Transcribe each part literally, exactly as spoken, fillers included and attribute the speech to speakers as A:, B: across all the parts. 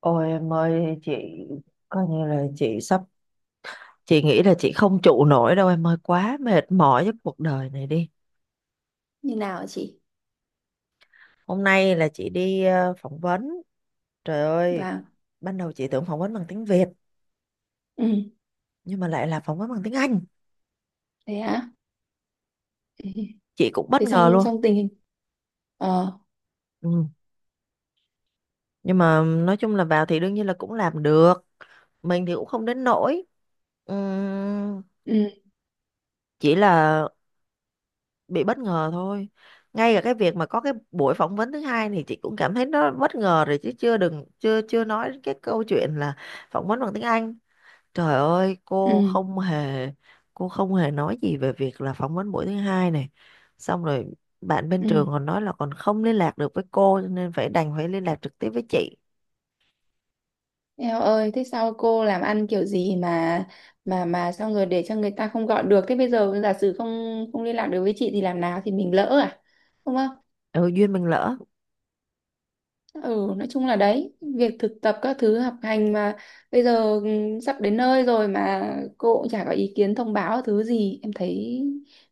A: Ôi em ơi, chị coi như là chị sắp chị nghĩ là chị không trụ nổi đâu, em ơi, quá mệt mỏi với cuộc đời này đi.
B: Như nào hả chị?
A: Hôm nay là chị đi ờ, phỏng vấn. Trời ơi,
B: Vâng.
A: ban đầu chị tưởng phỏng vấn bằng tiếng Việt,
B: Ừ.
A: nhưng mà lại là phỏng vấn bằng tiếng Anh.
B: Thế hả? Ừ.
A: Chị cũng bất
B: Thế,
A: ngờ
B: xong
A: luôn.
B: xong tình hình. ờ
A: Ừ. Nhưng mà nói chung là vào thì đương nhiên là cũng làm được, mình thì cũng không đến nỗi. Ừm,
B: ừ.
A: chỉ là bị bất ngờ thôi. Ngay cả cái việc mà có cái buổi phỏng vấn thứ hai thì chị cũng cảm thấy nó bất ngờ rồi, chứ chưa đừng chưa chưa nói đến cái câu chuyện là phỏng vấn bằng tiếng Anh. Trời ơi,
B: Ừ.
A: cô không hề cô không hề nói gì về việc là phỏng vấn buổi thứ hai này. Xong rồi bạn bên
B: Ừ.
A: trường còn nói là còn không liên lạc được với cô, cho nên phải đành phải liên lạc trực tiếp với chị.
B: Eo ơi, thế sao cô làm ăn kiểu gì mà mà mà sao người để cho người ta không gọi được? Thế bây giờ giả sử không không liên lạc được với chị thì làm nào, thì mình lỡ à? Đúng không?
A: Ừ, duyên mình lỡ.
B: Ừ, nói chung là đấy, việc thực tập các thứ học hành mà bây giờ ừ, sắp đến nơi rồi mà cô cũng chả có ý kiến thông báo thứ gì. Em thấy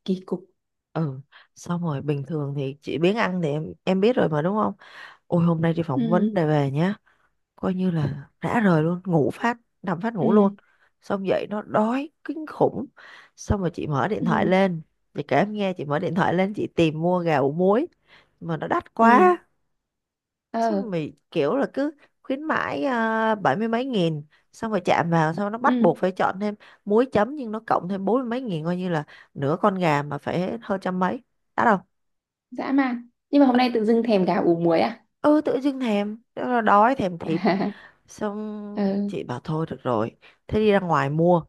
B: kỳ cục.
A: Ừ. Xong rồi bình thường thì chị biếng ăn thì em em biết rồi mà, đúng không? Ôi, hôm nay đi phỏng vấn
B: Ừ.
A: để về nhé, coi như là rã rời luôn, ngủ phát nằm phát ngủ luôn.
B: Ừ.
A: Xong dậy nó đói kinh khủng. Xong rồi chị mở điện thoại
B: Ừ.
A: lên. Chị kể em nghe, chị mở điện thoại lên, chị tìm mua gà ủ muối mà nó đắt
B: Ừ.
A: quá. Xong
B: Ờ.
A: rồi mày kiểu là cứ khuyến mãi à, bảy mươi mấy nghìn. Xong rồi chạm vào xong nó bắt
B: Ừ.
A: buộc phải chọn thêm muối chấm, nhưng nó cộng thêm bốn mươi mấy nghìn, coi như là nửa con gà mà phải hơn trăm mấy. Đắt không?
B: Dã man, nhưng mà hôm nay tự dưng thèm gà ủ muối à?
A: Ừ, tự dưng thèm, đói thèm thịt. Xong
B: Ừ.
A: chị bảo thôi được rồi, thế đi ra ngoài mua.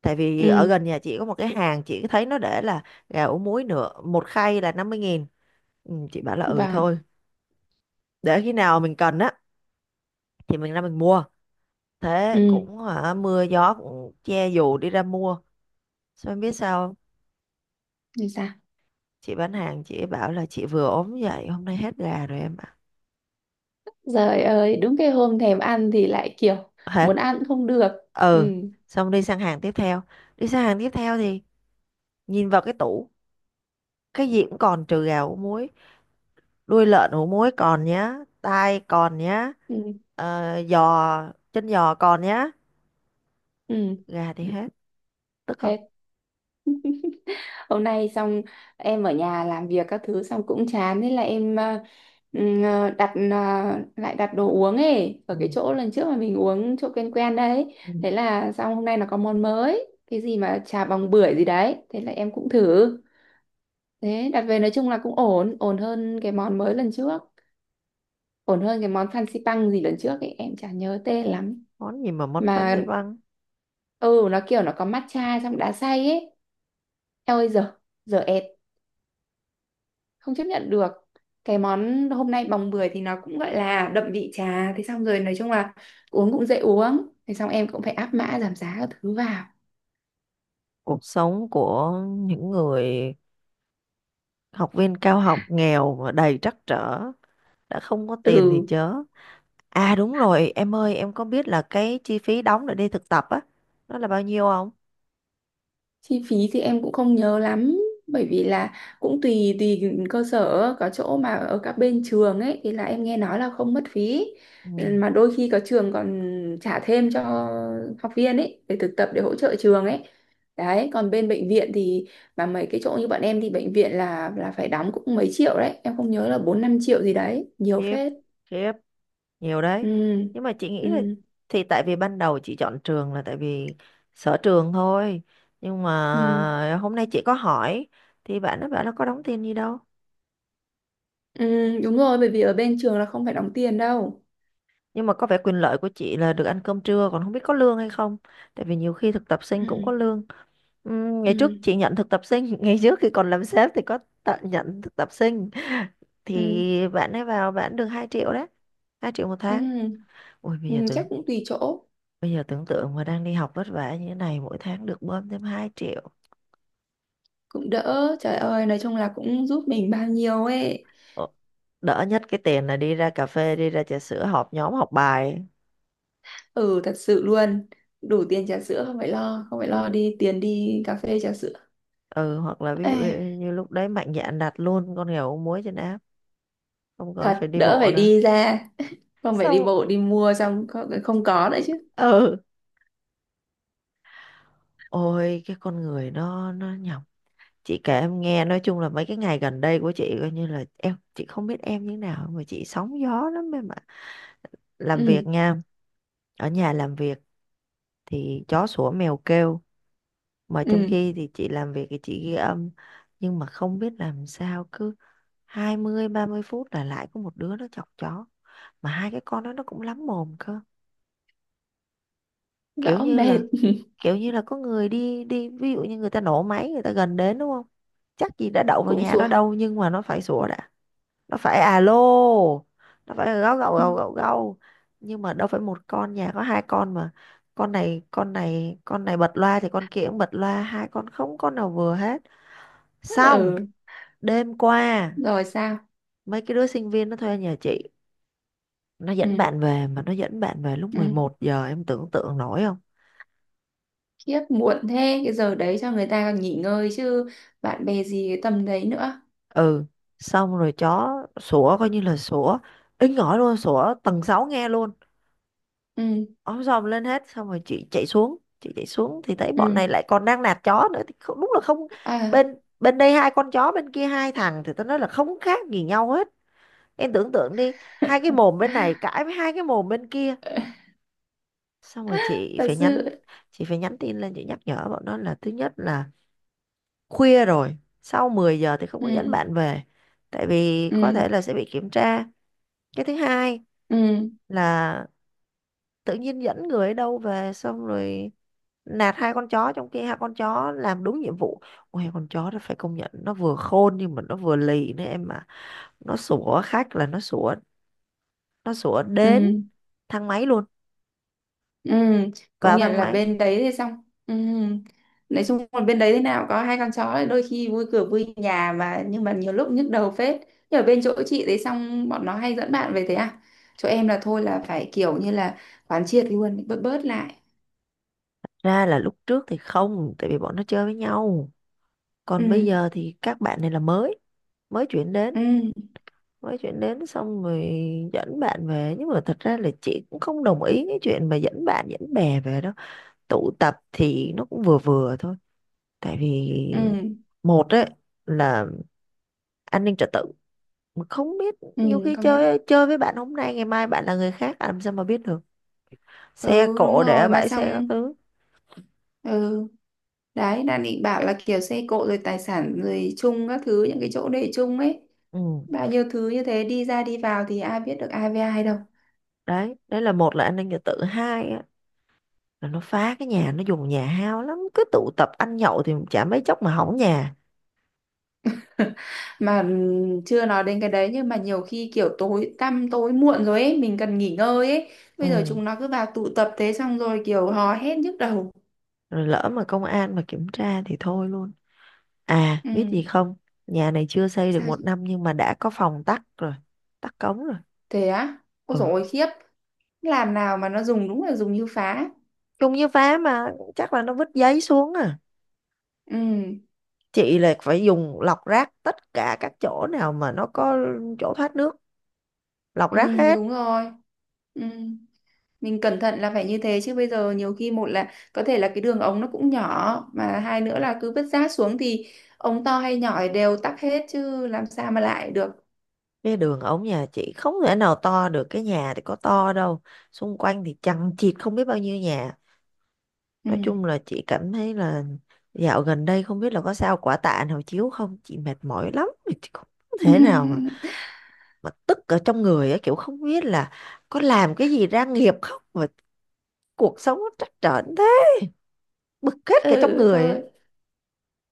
A: Tại vì ở
B: Ừ.
A: gần nhà chị có một cái hàng, chị thấy nó để là gà ủ muối nửa một khay là năm mươi nghìn. Ừ, chị bảo là ừ
B: Và.
A: thôi, để khi nào mình cần á thì mình ra mình mua. Thế
B: Ừ.
A: cũng hả, mưa gió cũng che dù đi ra mua. Sao em biết sao không?
B: Như sao?
A: Chị bán hàng chị ấy bảo là chị vừa ốm dậy, hôm nay hết gà rồi em ạ.
B: Trời ơi, đúng cái hôm thèm ăn thì lại kiểu
A: Hết.
B: muốn ăn cũng không được. Ừ.
A: Ừ. Xong đi sang hàng tiếp theo. Đi sang hàng tiếp theo thì nhìn vào cái tủ. Cái gì cũng còn, trừ gà ủ muối. Đuôi lợn ủ muối còn nhá. Tai còn nhá.
B: Ừ.
A: Ờ, giò chân giò còn nhá.
B: Ừ.
A: Gà thì hết. Tức không?
B: Thế hôm nay xong, em ở nhà làm việc các thứ xong cũng chán, thế là em ờ, ừ, ờ, đặt ờ, lại đặt đồ uống ấy ở cái
A: Ừ.
B: chỗ lần trước mà mình uống, chỗ quen quen đấy.
A: Ừ.
B: Thế là xong, hôm nay nó có món mới cái gì mà trà bòng bưởi gì đấy, thế là em cũng thử. Thế đặt về nói chung là cũng ổn, ổn hơn cái món mới lần trước, ổn hơn cái món fancy pang gì lần trước ấy, em chả nhớ tên lắm.
A: Món gì mà món Phan Xe
B: Mà
A: băng.
B: ừ nó kiểu nó có matcha trong đá xay ấy. Eo ơi giờ, giờ ẹt, không chấp nhận được. Cái món hôm nay bồng bưởi thì nó cũng gọi là đậm vị trà, thế xong rồi nói chung là uống cũng dễ uống, thế xong em cũng phải áp mã giảm giá các thứ vào.
A: Cuộc sống của những người học viên cao học nghèo mà đầy trắc trở, đã không có tiền thì
B: Ừ.
A: chớ. À đúng rồi em ơi, em có biết là cái chi phí đóng để đi thực tập á, nó là bao nhiêu không?
B: Chi phí thì em cũng không nhớ lắm, bởi vì là cũng tùy tùy cơ sở. Có chỗ mà ở các bên trường ấy thì là em nghe nói là không mất phí.
A: Ừ.
B: Ừ, mà đôi khi có trường còn trả thêm cho học viên ấy để thực tập, để hỗ trợ trường ấy. Đấy, còn bên bệnh viện thì, mà mấy cái chỗ như bọn em thì bệnh viện là là phải đóng cũng mấy triệu đấy, em không nhớ là bốn năm triệu gì đấy, nhiều
A: Khiếp.
B: phết.
A: Khiếp. Nhiều đấy.
B: Ừ.
A: Nhưng mà chị nghĩ là,
B: Ừ.
A: thì tại vì ban đầu chị chọn trường là tại vì sở trường thôi, nhưng
B: Ừ.
A: mà hôm nay chị có hỏi thì bạn nó bảo nó có đóng tiền gì đâu.
B: Ừ, đúng rồi, bởi vì ở bên trường là không phải đóng tiền đâu.
A: Nhưng mà có vẻ quyền lợi của chị là được ăn cơm trưa, còn không biết có lương hay không, tại vì nhiều khi thực tập sinh cũng có
B: Ừ.
A: lương. Ừm, ngày
B: Ừ.
A: trước chị nhận thực tập sinh ngày trước khi còn làm sếp thì có tận nhận thực tập sinh,
B: Ừ.
A: thì bạn ấy vào bạn được hai triệu đấy, hai triệu một tháng.
B: Ừ.
A: Ui bây giờ
B: Ừ, chắc
A: tưởng,
B: cũng tùy chỗ.
A: bây giờ tưởng tượng mà đang đi học vất vả như thế này, mỗi tháng được bơm thêm hai triệu.
B: Cũng đỡ, trời ơi nói chung là cũng giúp mình bao nhiêu ấy.
A: Ờ, Đỡ nhất cái tiền là đi ra cà phê, đi ra trà sữa họp nhóm học bài ấy.
B: Ừ, thật sự luôn. Đủ tiền trà sữa, không phải lo, không phải lo đi tiền đi cà phê trà sữa.
A: Ừ, hoặc là ví
B: Ê,
A: dụ như lúc đấy mạnh dạn đặt luôn con nghèo muối trên app, không còn
B: thật
A: phải đi
B: đỡ
A: bộ
B: phải
A: nữa.
B: đi ra, không phải đi
A: Xong,
B: bộ đi mua, xong không, không có nữa chứ.
A: ừ, ôi, cái con người nó nó nhọc. Chị kể em nghe, nói chung là mấy cái ngày gần đây của chị coi như là, em chị không biết em như thế nào mà chị sóng gió lắm em ạ. Làm
B: Ừ.
A: việc nha, ở nhà làm việc thì chó sủa mèo kêu, mà trong
B: Ừ.
A: khi thì chị làm việc thì chị ghi âm, nhưng mà không biết làm sao cứ hai mươi ba mươi phút là lại có một đứa nó chọc chó, mà hai cái con đó nó cũng lắm mồm cơ. Kiểu
B: Rõ
A: như
B: mệt.
A: là kiểu như là có người đi đi, ví dụ như người ta nổ máy, người ta gần đến, đúng không, chắc gì đã đậu vào
B: Cũng
A: nhà
B: sủa.
A: nó đâu nhưng mà nó phải sủa đã. Nó phải alo, nó phải gâu gâu gâu gâu gâu. Nhưng mà đâu phải một con, nhà có hai con mà, con này con này con này bật loa thì con kia cũng bật loa, hai con không con nào vừa hết. Xong,
B: Ừ.
A: đêm qua
B: Rồi sao?
A: mấy cái đứa sinh viên nó thuê nhà chị, nó dẫn
B: Ừ.
A: bạn về, mà nó dẫn bạn về lúc
B: Ừ.
A: mười một giờ, em tưởng tượng nổi không?
B: Khiếp, muộn thế, cái giờ đấy cho người ta còn nghỉ ngơi chứ, bạn bè gì cái tầm đấy nữa.
A: Ừ, xong rồi chó sủa coi như là sủa inh ỏi luôn, sủa tầng sáu nghe luôn.
B: Ừ.
A: Ôm dòm lên hết, xong rồi chị chạy xuống, chị chạy xuống thì thấy bọn này
B: Ừ.
A: lại còn đang nạt chó nữa thì không, đúng là không.
B: À.
A: Bên bên đây hai con chó, bên kia hai thằng thì tao nói là không khác gì nhau hết. Em tưởng tượng đi, hai cái mồm bên này cãi với hai cái mồm bên kia. Xong rồi chị
B: Thật
A: phải
B: sự.
A: nhắn chị phải nhắn tin lên, chị nhắc nhở bọn nó là thứ nhất là khuya rồi, sau mười giờ thì không có dẫn
B: Ừ.
A: bạn về, tại vì có
B: Ừ.
A: thể là sẽ bị kiểm tra. Cái thứ hai
B: Ừ.
A: là tự nhiên dẫn người ở đâu về, xong rồi nạt hai con chó trong khi hai con chó làm đúng nhiệm vụ. Ôi con chó nó phải công nhận nó vừa khôn nhưng mà nó vừa lì nữa em mà, nó sủa khách là nó sủa, nó sủa đến
B: Ừ.
A: thang máy luôn,
B: Ừ. Công
A: vào
B: nhận
A: thang
B: là
A: máy.
B: bên đấy thì xong. Ừ. Nói chung là bên đấy thế nào có hai con chó thì đôi khi vui cửa vui nhà mà, nhưng mà nhiều lúc nhức đầu phết. Nhưng ở bên chỗ chị đấy xong bọn nó hay dẫn bạn về thế à? Chỗ em là thôi là phải kiểu như là quán triệt luôn, bớt bớt lại.
A: Ra là lúc trước thì không, tại vì bọn nó chơi với nhau, còn bây
B: Ừ.
A: giờ thì các bạn này là mới mới chuyển đến
B: Ừ.
A: mới chuyển đến xong rồi dẫn bạn về. Nhưng mà thật ra là chị cũng không đồng ý cái chuyện mà dẫn bạn dẫn bè về đâu, tụ tập thì nó cũng vừa vừa thôi. Tại vì
B: Ừ.
A: một ấy là an ninh trật tự, mà không biết, nhiều
B: Ừ.
A: khi
B: Công nhận.
A: chơi chơi với bạn hôm nay, ngày mai bạn là người khác, làm sao mà biết được, xe
B: Ừ, đúng
A: cộ để ở
B: rồi. Mà
A: bãi xe các
B: xong.
A: thứ.
B: Ừ, đấy, đang định bảo là kiểu xe cộ rồi tài sản rồi chung các thứ, những cái chỗ để chung ấy,
A: Ừ
B: bao nhiêu thứ như thế đi ra đi vào thì ai biết được ai với ai đâu.
A: đấy, đấy là một là an ninh trật tự, hai là nó phá cái nhà, nó dùng nhà hao lắm, cứ tụ tập ăn nhậu thì chả mấy chốc mà hỏng nhà.
B: Mà ừm, chưa nói đến cái đấy nhưng mà nhiều khi kiểu tối tăm tối muộn rồi ấy, mình cần nghỉ ngơi ấy. Bây giờ
A: Ừ.
B: chúng nó cứ vào tụ tập, thế xong rồi kiểu hò hét nhức đầu.
A: Rồi lỡ mà công an mà kiểm tra thì thôi luôn. À
B: Ừ.
A: biết gì không, nhà này chưa xây được
B: sao
A: một
B: chứ-
A: năm nhưng mà đã có phòng tắc rồi, tắc cống rồi.
B: Thế á? Ôi dồi
A: Ừ,
B: ôi, khiếp. Làm nào mà nó dùng, đúng là dùng như phá.
A: chung như phá mà, chắc là nó vứt giấy xuống à.
B: Ừ.
A: Chị là phải dùng lọc rác tất cả các chỗ nào mà nó có chỗ thoát nước, lọc
B: Ừ,
A: rác hết.
B: đúng rồi. Ừ, mình cẩn thận là phải như thế chứ, bây giờ nhiều khi, một là có thể là cái đường ống nó cũng nhỏ, mà hai nữa là cứ vứt rác xuống thì ống to hay nhỏ thì đều tắc hết chứ làm sao mà lại được.
A: Cái đường ống nhà chị không thể nào to được, cái nhà thì có to đâu, xung quanh thì chằng chịt không biết bao nhiêu nhà.
B: Ừ.
A: Nói chung là chị cảm thấy là dạo gần đây không biết là có sao quả tạ nào chiếu không, chị mệt mỏi lắm, chị không thể nào mà mà tức ở trong người á, kiểu không biết là có làm cái gì ra nghiệp không mà cuộc sống nó trắc trở thế, bực hết cả trong
B: Ừ,
A: người á.
B: thôi.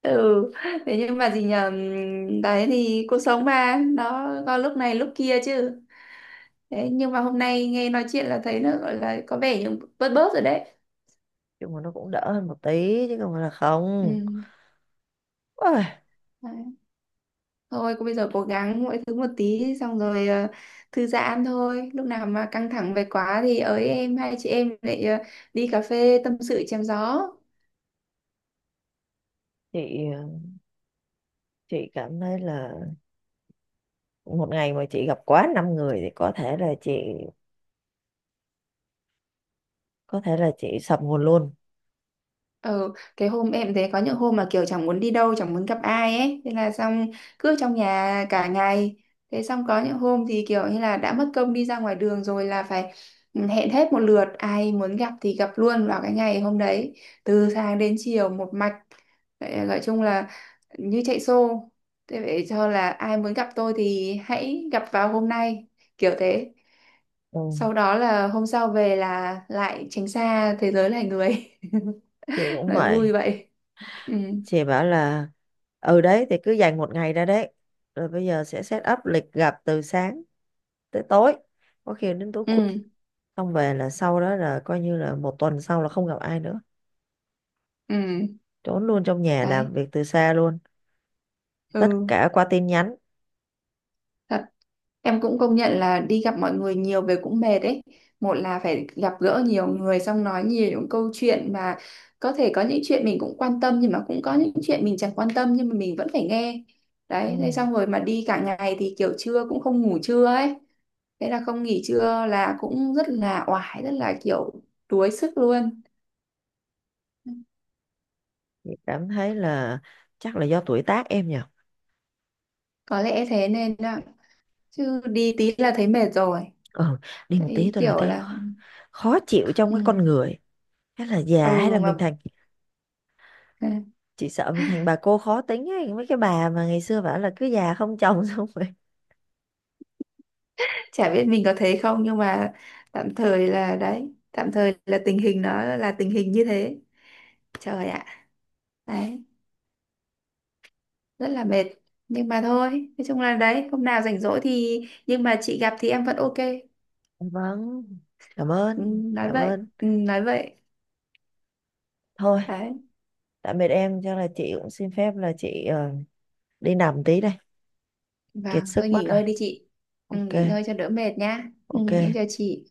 B: Ừ, thế nhưng mà gì nhờ ừm, đấy thì cuộc sống mà nó có lúc này lúc kia chứ. Đấy nhưng mà hôm nay nghe nói chuyện là thấy nó gọi là có vẻ như bớt bớt rồi đấy.
A: Nhưng mà nó cũng đỡ hơn một tí chứ không phải là không.
B: Ừ.
A: Ôi,
B: Thôi cô bây giờ cố gắng mỗi thứ một tí, xong rồi ờ, thư giãn thôi. Lúc nào mà căng thẳng về quá thì ới em, hai chị em lại ờ, đi cà phê tâm sự chém gió.
A: chị chị cảm thấy là một ngày mà chị gặp quá năm người thì có thể là chị có thể là chị sập nguồn luôn.
B: Ừ, cái hôm em thấy có những hôm mà kiểu chẳng muốn đi đâu, chẳng muốn gặp ai ấy, thế là xong cứ trong nhà cả ngày. Thế xong có những hôm thì kiểu như là đã mất công đi ra ngoài đường rồi là phải ừ, hẹn hết một lượt, ai muốn gặp thì gặp luôn vào cái ngày hôm đấy, từ sáng đến chiều một mạch. Vậy, gọi chung là như chạy xô. Thế vậy cho là ai muốn gặp tôi thì hãy gặp vào hôm nay, kiểu thế.
A: Ừ,
B: Sau đó là hôm sau về là lại tránh xa thế giới loài người.
A: chị cũng
B: Nói
A: vậy.
B: vui vậy. Ừ.
A: Chị bảo là, ừ đấy, thì cứ dành một ngày ra đấy rồi bây giờ sẽ set up lịch gặp từ sáng tới tối, có khi đến tối khuya,
B: Ừ.
A: xong về là sau đó là coi như là một tuần sau là không gặp ai nữa,
B: Ừ.
A: trốn luôn trong nhà, làm
B: Đấy.
A: việc từ xa luôn, tất
B: Ừ.
A: cả qua tin nhắn.
B: Thật. Em cũng công nhận là đi gặp mọi người nhiều về cũng mệt đấy. Một là phải gặp gỡ nhiều người, xong nói nhiều những câu chuyện mà có thể có những chuyện mình cũng quan tâm nhưng mà cũng có những chuyện mình chẳng quan tâm nhưng mà mình vẫn phải nghe.
A: Ừ.
B: Đấy, thế xong rồi mà đi cả ngày thì kiểu trưa cũng không ngủ trưa ấy. Thế là không nghỉ trưa là cũng rất là oải, rất là kiểu đuối sức luôn.
A: Chị cảm thấy là chắc là do tuổi tác em nhỉ.
B: Có lẽ thế nên ạ. Chứ đi tí là thấy mệt rồi.
A: Ừ, đi một tí
B: Thấy
A: thôi là
B: kiểu
A: thấy
B: là
A: khó khó chịu trong cái
B: ừ,
A: con người, hay là già, hay
B: ừ
A: là mình
B: mà.
A: thành, chị sợ mình thành bà cô khó tính ấy, mấy cái bà mà ngày xưa bảo là cứ già không chồng xong rồi.
B: Chả biết mình có thấy không nhưng mà tạm thời là đấy, tạm thời là tình hình nó là tình hình như thế. Trời ạ. Đấy, rất là mệt, nhưng mà thôi, nói chung là đấy, hôm nào rảnh rỗi thì, nhưng mà chị gặp thì em vẫn ok.
A: Vâng, cảm
B: Ừ,
A: ơn,
B: nói
A: cảm
B: vậy,
A: ơn.
B: ừ, nói vậy.
A: Thôi,
B: Đấy.
A: tạm biệt em, chắc là chị cũng xin phép là chị ờ, đi nằm tí đây, kiệt
B: Vâng, thôi
A: sức mất
B: nghỉ
A: rồi.
B: ngơi đi chị. Ừ,
A: Ok,
B: nghỉ ngơi cho đỡ mệt nhá. Ừ,
A: ok.
B: em chào chị.